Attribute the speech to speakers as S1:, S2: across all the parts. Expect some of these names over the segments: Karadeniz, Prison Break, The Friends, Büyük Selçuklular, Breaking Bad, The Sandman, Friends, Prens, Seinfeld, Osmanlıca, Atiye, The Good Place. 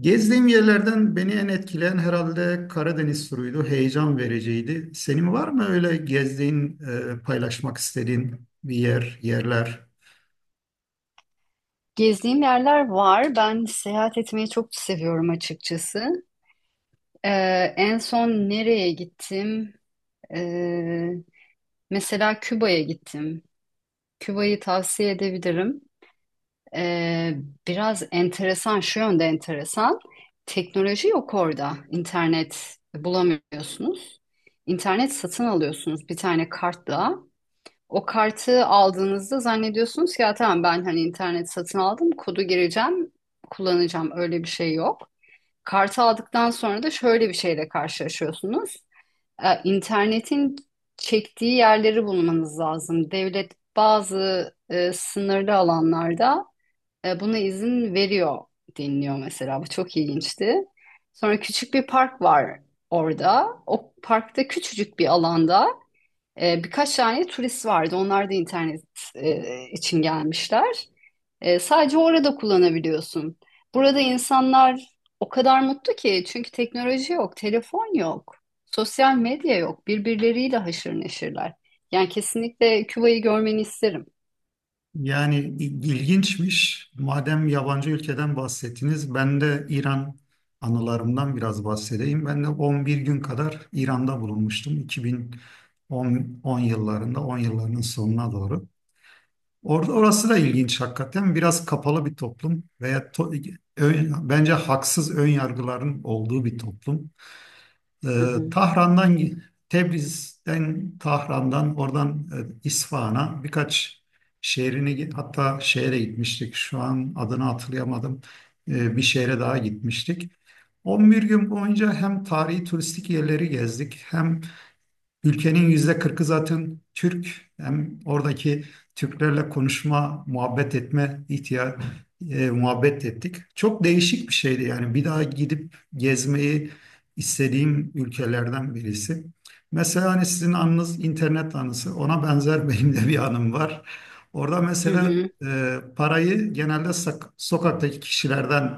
S1: Gezdiğim yerlerden beni en etkileyen herhalde Karadeniz turuydu. Heyecan vericiydi. Senin var mı öyle gezdiğin, paylaşmak istediğin bir yer, yerler?
S2: Gezdiğim yerler var. Ben seyahat etmeyi çok seviyorum açıkçası. Ee, En son nereye gittim? Ee, Mesela Küba'ya gittim. Küba'yı tavsiye edebilirim. Ee, Biraz enteresan, şu yönde enteresan. Teknoloji yok orada. İnternet bulamıyorsunuz. İnternet satın alıyorsunuz bir tane kartla. O kartı aldığınızda zannediyorsunuz ki ya tamam ben hani internet satın aldım, kodu gireceğim, kullanacağım. Öyle bir şey yok. Kartı aldıktan sonra da şöyle bir şeyle karşılaşıyorsunuz. İnternetin çektiği yerleri bulmanız lazım. Devlet bazı sınırlı alanlarda buna izin veriyor deniliyor mesela. Bu çok ilginçti. Sonra küçük bir park var orada. O parkta küçücük bir alanda. Birkaç tane turist vardı. Onlar da internet için gelmişler. Sadece orada kullanabiliyorsun. Burada insanlar o kadar mutlu ki çünkü teknoloji yok, telefon yok, sosyal medya yok. Birbirleriyle haşır neşirler. Yani kesinlikle Küba'yı görmeni isterim.
S1: Yani ilginçmiş. Madem yabancı ülkeden bahsettiniz, ben de İran anılarımdan biraz bahsedeyim. Ben de 11 gün kadar İran'da bulunmuştum. 2010, 10 yıllarında, 10 yıllarının sonuna doğru. Orası da ilginç hakikaten. Biraz kapalı bir toplum veya bence haksız ön yargıların olduğu bir toplum. Ee,
S2: Hı hı.
S1: Tahran'dan Tebriz'den, Tahran'dan, oradan İsfahan'a birkaç şehrini, hatta şehre gitmiştik. Şu an adını hatırlayamadım. Bir şehre daha gitmiştik. 11 gün boyunca hem tarihi turistik yerleri gezdik, hem ülkenin %40 zaten Türk. Hem oradaki Türklerle konuşma, muhabbet etme ihtiya e, muhabbet ettik. Çok değişik bir şeydi, yani bir daha gidip gezmeyi istediğim ülkelerden birisi. Mesela hani sizin anınız internet anısı, ona benzer benim de bir anım var. Orada
S2: Hı
S1: mesela
S2: hı.
S1: parayı genelde sokaktaki kişilerden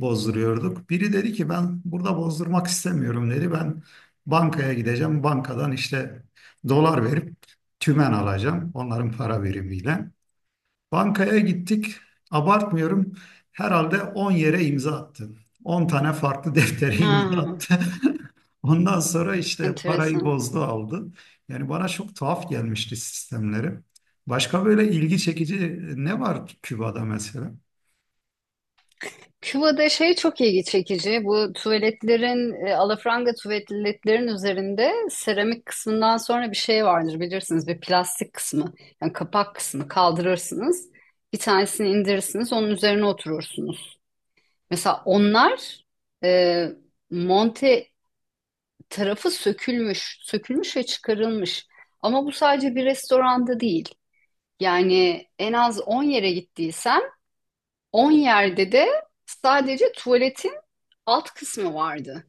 S1: bozduruyorduk. Biri dedi ki, "Ben burada bozdurmak istemiyorum," dedi. "Ben bankaya gideceğim. Bankadan işte dolar verip tümen alacağım." Onların para birimiyle. Bankaya gittik. Abartmıyorum, herhalde 10 yere imza attı. 10 tane farklı deftere imza
S2: Ha,
S1: attı. Ondan sonra işte parayı
S2: enteresan.
S1: bozdu aldı. Yani bana çok tuhaf gelmişti sistemleri. Başka böyle ilgi çekici ne var Küba'da mesela?
S2: Küba'da şey çok ilgi çekici. Bu tuvaletlerin, alafranga tuvaletlerin üzerinde seramik kısmından sonra bir şey vardır bilirsiniz. Bir plastik kısmı. Yani kapak kısmı kaldırırsınız. Bir tanesini indirirsiniz. Onun üzerine oturursunuz. Mesela onlar e, monte tarafı sökülmüş. Sökülmüş ve çıkarılmış. Ama bu sadece bir restoranda değil. Yani en az 10 yere gittiysen 10 yerde de sadece tuvaletin alt kısmı vardı.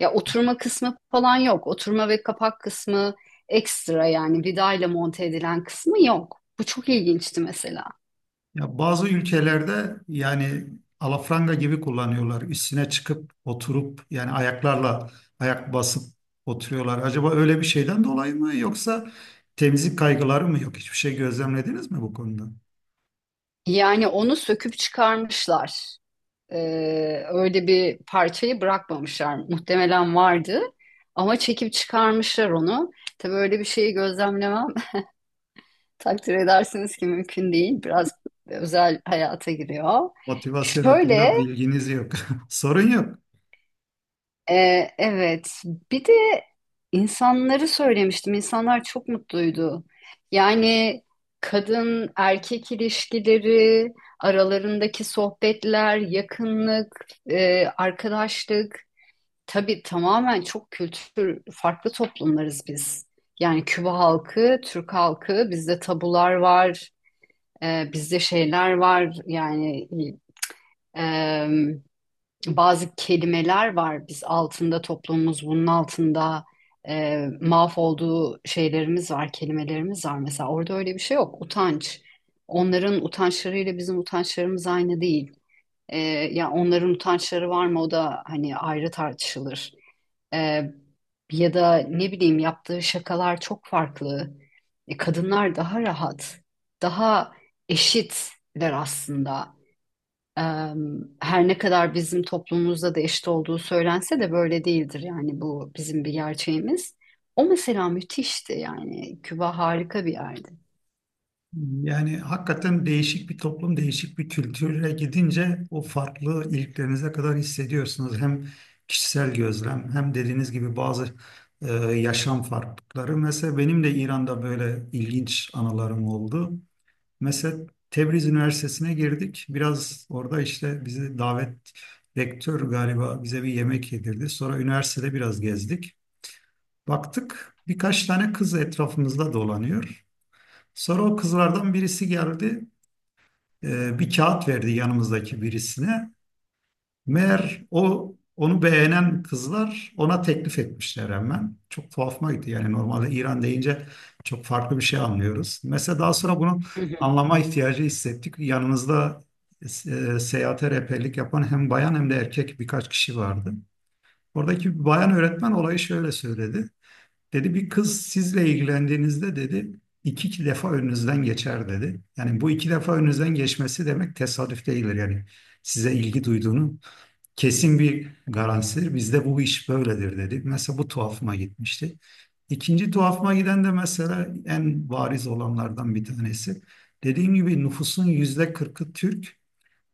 S2: Ya oturma kısmı falan yok. Oturma ve kapak kısmı ekstra yani vidayla monte edilen kısmı yok. Bu çok ilginçti mesela.
S1: Ya bazı ülkelerde yani alafranga gibi kullanıyorlar. Üstüne çıkıp oturup, yani ayaklarla ayak basıp oturuyorlar. Acaba öyle bir şeyden dolayı mı, yoksa temizlik kaygıları mı yok? Hiçbir şey gözlemlediniz mi bu konuda?
S2: Yani onu söküp çıkarmışlar. Öyle bir parçayı bırakmamışlar. Muhtemelen vardı ama çekip çıkarmışlar onu. Tabii öyle bir şeyi gözlemlemem takdir edersiniz ki mümkün değil. Biraz özel hayata giriyor.
S1: Motivasyon
S2: Şöyle,
S1: hakkında bilginiz yok. Sorun yok.
S2: evet. Bir de insanları söylemiştim. İnsanlar çok mutluydu. Yani kadın erkek ilişkileri, aralarındaki sohbetler, yakınlık, arkadaşlık. Tabii tamamen çok kültür, farklı toplumlarız biz. Yani Küba halkı, Türk halkı, bizde tabular var. Bizde şeyler var yani em, bazı kelimeler var. Biz altında toplumumuz bunun altında mahvolduğu şeylerimiz var, kelimelerimiz var. Mesela orada öyle bir şey yok. Utanç. Onların utançlarıyla bizim utançlarımız aynı değil. Ee, Ya onların utançları var mı o da hani ayrı tartışılır. Ee, Ya da ne bileyim yaptığı şakalar çok farklı. Kadınlar daha rahat, daha eşitler aslında. Ee, Her ne kadar bizim toplumumuzda da eşit olduğu söylense de böyle değildir yani bu bizim bir gerçeğimiz. O mesela müthişti yani Küba harika bir yerdi.
S1: Yani hakikaten değişik bir toplum, değişik bir kültüre gidince o farklı, iliklerinize kadar hissediyorsunuz. Hem kişisel gözlem, hem dediğiniz gibi bazı yaşam farklılıkları. Mesela benim de İran'da böyle ilginç anılarım oldu. Mesela Tebriz Üniversitesi'ne girdik. Biraz orada işte bizi davet, rektör galiba bize bir yemek yedirdi. Sonra üniversitede biraz gezdik. Baktık birkaç tane kız etrafımızda dolanıyor. Sonra o kızlardan birisi geldi. Bir kağıt verdi yanımızdaki birisine. Meğer o, onu beğenen kızlar ona teklif etmişler hemen. Çok tuhafıma gitti. Yani normalde İran deyince çok farklı bir şey anlıyoruz. Mesela daha sonra bunu
S2: Hı hı.
S1: anlama ihtiyacı hissettik. Yanımızda seyahate rehberlik yapan hem bayan hem de erkek birkaç kişi vardı. Oradaki bir bayan öğretmen olayı şöyle söyledi. Dedi, "Bir kız sizle ilgilendiğinizde," dedi, "iki defa önünüzden geçer," dedi. Yani bu iki defa önünüzden geçmesi demek tesadüf değildir. Yani size ilgi duyduğunu kesin bir garantisidir. Bizde bu iş böyledir, dedi. Mesela bu tuhafıma gitmişti. İkinci tuhafıma giden de mesela en bariz olanlardan bir tanesi. Dediğim gibi nüfusun %40 Türk.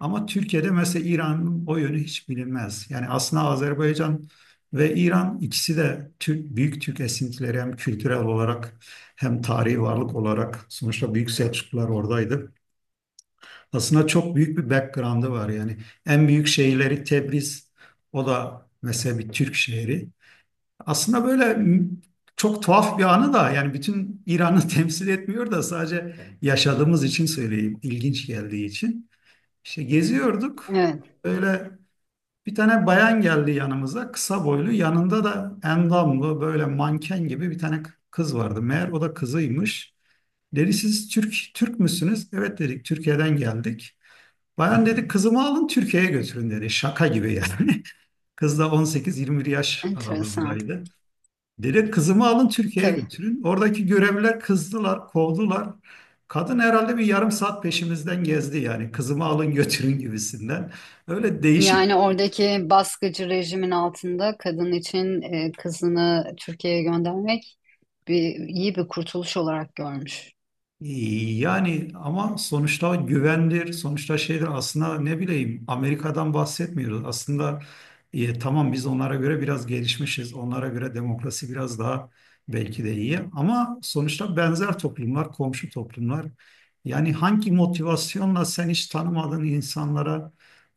S1: Ama Türkiye'de mesela İran'ın o yönü hiç bilinmez. Yani aslında Azerbaycan ve İran, ikisi de Türk, büyük Türk esintileri, hem kültürel olarak hem tarihi varlık olarak. Sonuçta Büyük Selçuklular oradaydı. Aslında çok büyük bir background'ı var yani. En büyük şehirleri Tebriz, o da mesela bir Türk şehri. Aslında böyle, çok tuhaf bir anı da, yani bütün İran'ı temsil etmiyor da, sadece yaşadığımız için söyleyeyim, ilginç geldiği için. İşte geziyorduk.
S2: Evet,
S1: Böyle bir tane bayan geldi yanımıza. Kısa boylu. Yanında da endamlı, böyle manken gibi bir tane kız vardı. Meğer o da kızıymış. Dedi, "Siz Türk müsünüz?" "Evet," dedik, "Türkiye'den geldik." Bayan dedi, "Kızımı alın, Türkiye'ye götürün," dedi. Şaka gibi yani. Kız da 18-21 yaş
S2: enteresan.
S1: aralığındaydı. Direkt, "Kızımı alın, Türkiye'ye
S2: Tabii.
S1: götürün." Oradaki görevliler kızdılar, kovdular. Kadın herhalde bir yarım saat peşimizden gezdi yani. "Kızımı alın götürün," gibisinden. Öyle değişik.
S2: Yani oradaki baskıcı rejimin altında kadın için kızını Türkiye'ye göndermek iyi bir kurtuluş olarak görmüş.
S1: Yani sonuçta güvendir, sonuçta şeydir aslında. Ne bileyim, Amerika'dan bahsetmiyoruz. Aslında tamam, biz onlara göre biraz gelişmişiz, onlara göre demokrasi biraz daha belki de iyi, ama sonuçta benzer toplumlar, komşu toplumlar. Yani hangi motivasyonla sen hiç tanımadığın insanlara,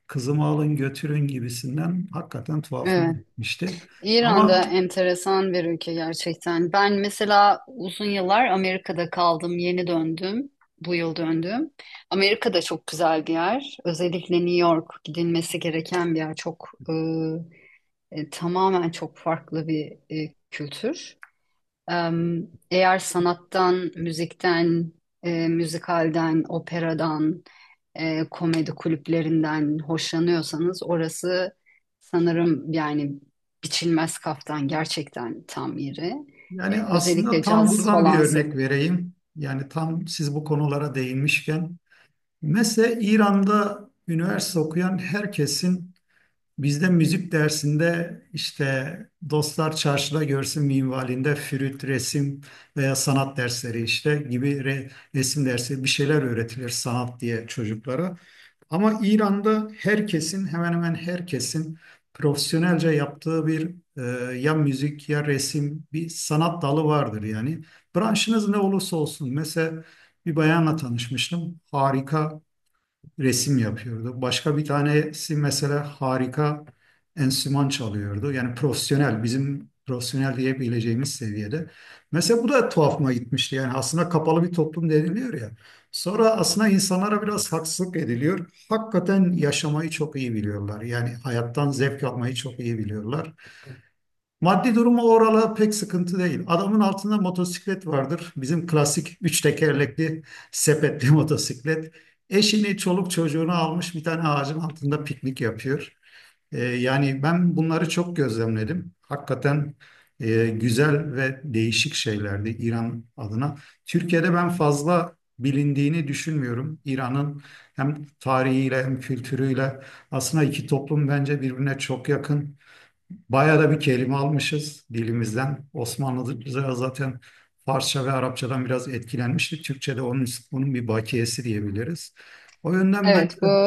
S1: "Kızımı alın götürün," gibisinden, hakikaten tuhafım
S2: Evet,
S1: gitmişti.
S2: İran da
S1: Ama
S2: enteresan bir ülke gerçekten. Ben mesela uzun yıllar Amerika'da kaldım, yeni döndüm, bu yıl döndüm. Amerika'da çok güzel bir yer. Özellikle New York gidilmesi gereken bir yer. Çok tamamen çok farklı bir kültür. Eğer sanattan, müzikten, müzikalden, operadan, komedi kulüplerinden hoşlanıyorsanız orası sanırım yani biçilmez kaftan gerçekten tam yeri.
S1: Yani aslında
S2: Özellikle
S1: tam
S2: caz
S1: buradan bir
S2: falan.
S1: örnek vereyim. Yani tam siz bu konulara değinmişken. Mesela İran'da üniversite okuyan herkesin. Bizde müzik dersinde işte dostlar çarşıda görsün minvalinde flüt, resim veya sanat dersleri işte gibi, resim dersi, bir şeyler öğretilir sanat diye çocuklara. Ama İran'da hemen hemen herkesin profesyonelce yaptığı bir, ya müzik ya resim, bir sanat dalı vardır yani. Branşınız ne olursa olsun, mesela bir bayanla tanışmıştım, harika resim yapıyordu. Başka bir tanesi mesela harika enstrüman çalıyordu. Yani profesyonel, bizim profesyonel diyebileceğimiz seviyede. Mesela bu da tuhafıma gitmişti. Yani aslında kapalı bir toplum deniliyor ya, sonra aslında insanlara biraz haksızlık ediliyor. Hakikaten yaşamayı çok iyi biliyorlar. Yani hayattan zevk almayı çok iyi biliyorlar. Maddi durumu oralı pek sıkıntı değil. Adamın altında motosiklet vardır, bizim klasik üç tekerlekli sepetli motosiklet. Eşini, çoluk çocuğunu almış, bir tane ağacın altında piknik yapıyor. Yani ben bunları çok gözlemledim. Hakikaten güzel ve değişik şeylerdi İran adına. Türkiye'de ben fazla bilindiğini düşünmüyorum İran'ın, hem tarihiyle hem kültürüyle. Aslında iki toplum bence birbirine çok yakın. Bayağı da bir kelime almışız dilimizden. Osmanlıca zaten Farsça ve Arapçadan biraz etkilenmiştik. Türkçe'de onun bir bakiyesi diyebiliriz. O yönden ben
S2: Evet,
S1: de,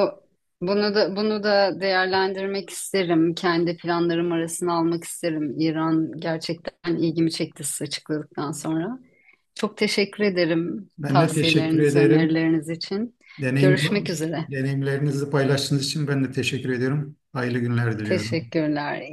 S2: bunu da değerlendirmek isterim. Kendi planlarım arasına almak isterim. İran gerçekten ilgimi çekti siz açıkladıktan sonra. Çok teşekkür ederim
S1: ben de teşekkür
S2: tavsiyeleriniz,
S1: ederim.
S2: önerileriniz için.
S1: Deneyim,
S2: Görüşmek üzere.
S1: deneyimlerinizi paylaştığınız için ben de teşekkür ediyorum. Hayırlı günler diliyorum.
S2: Teşekkürler.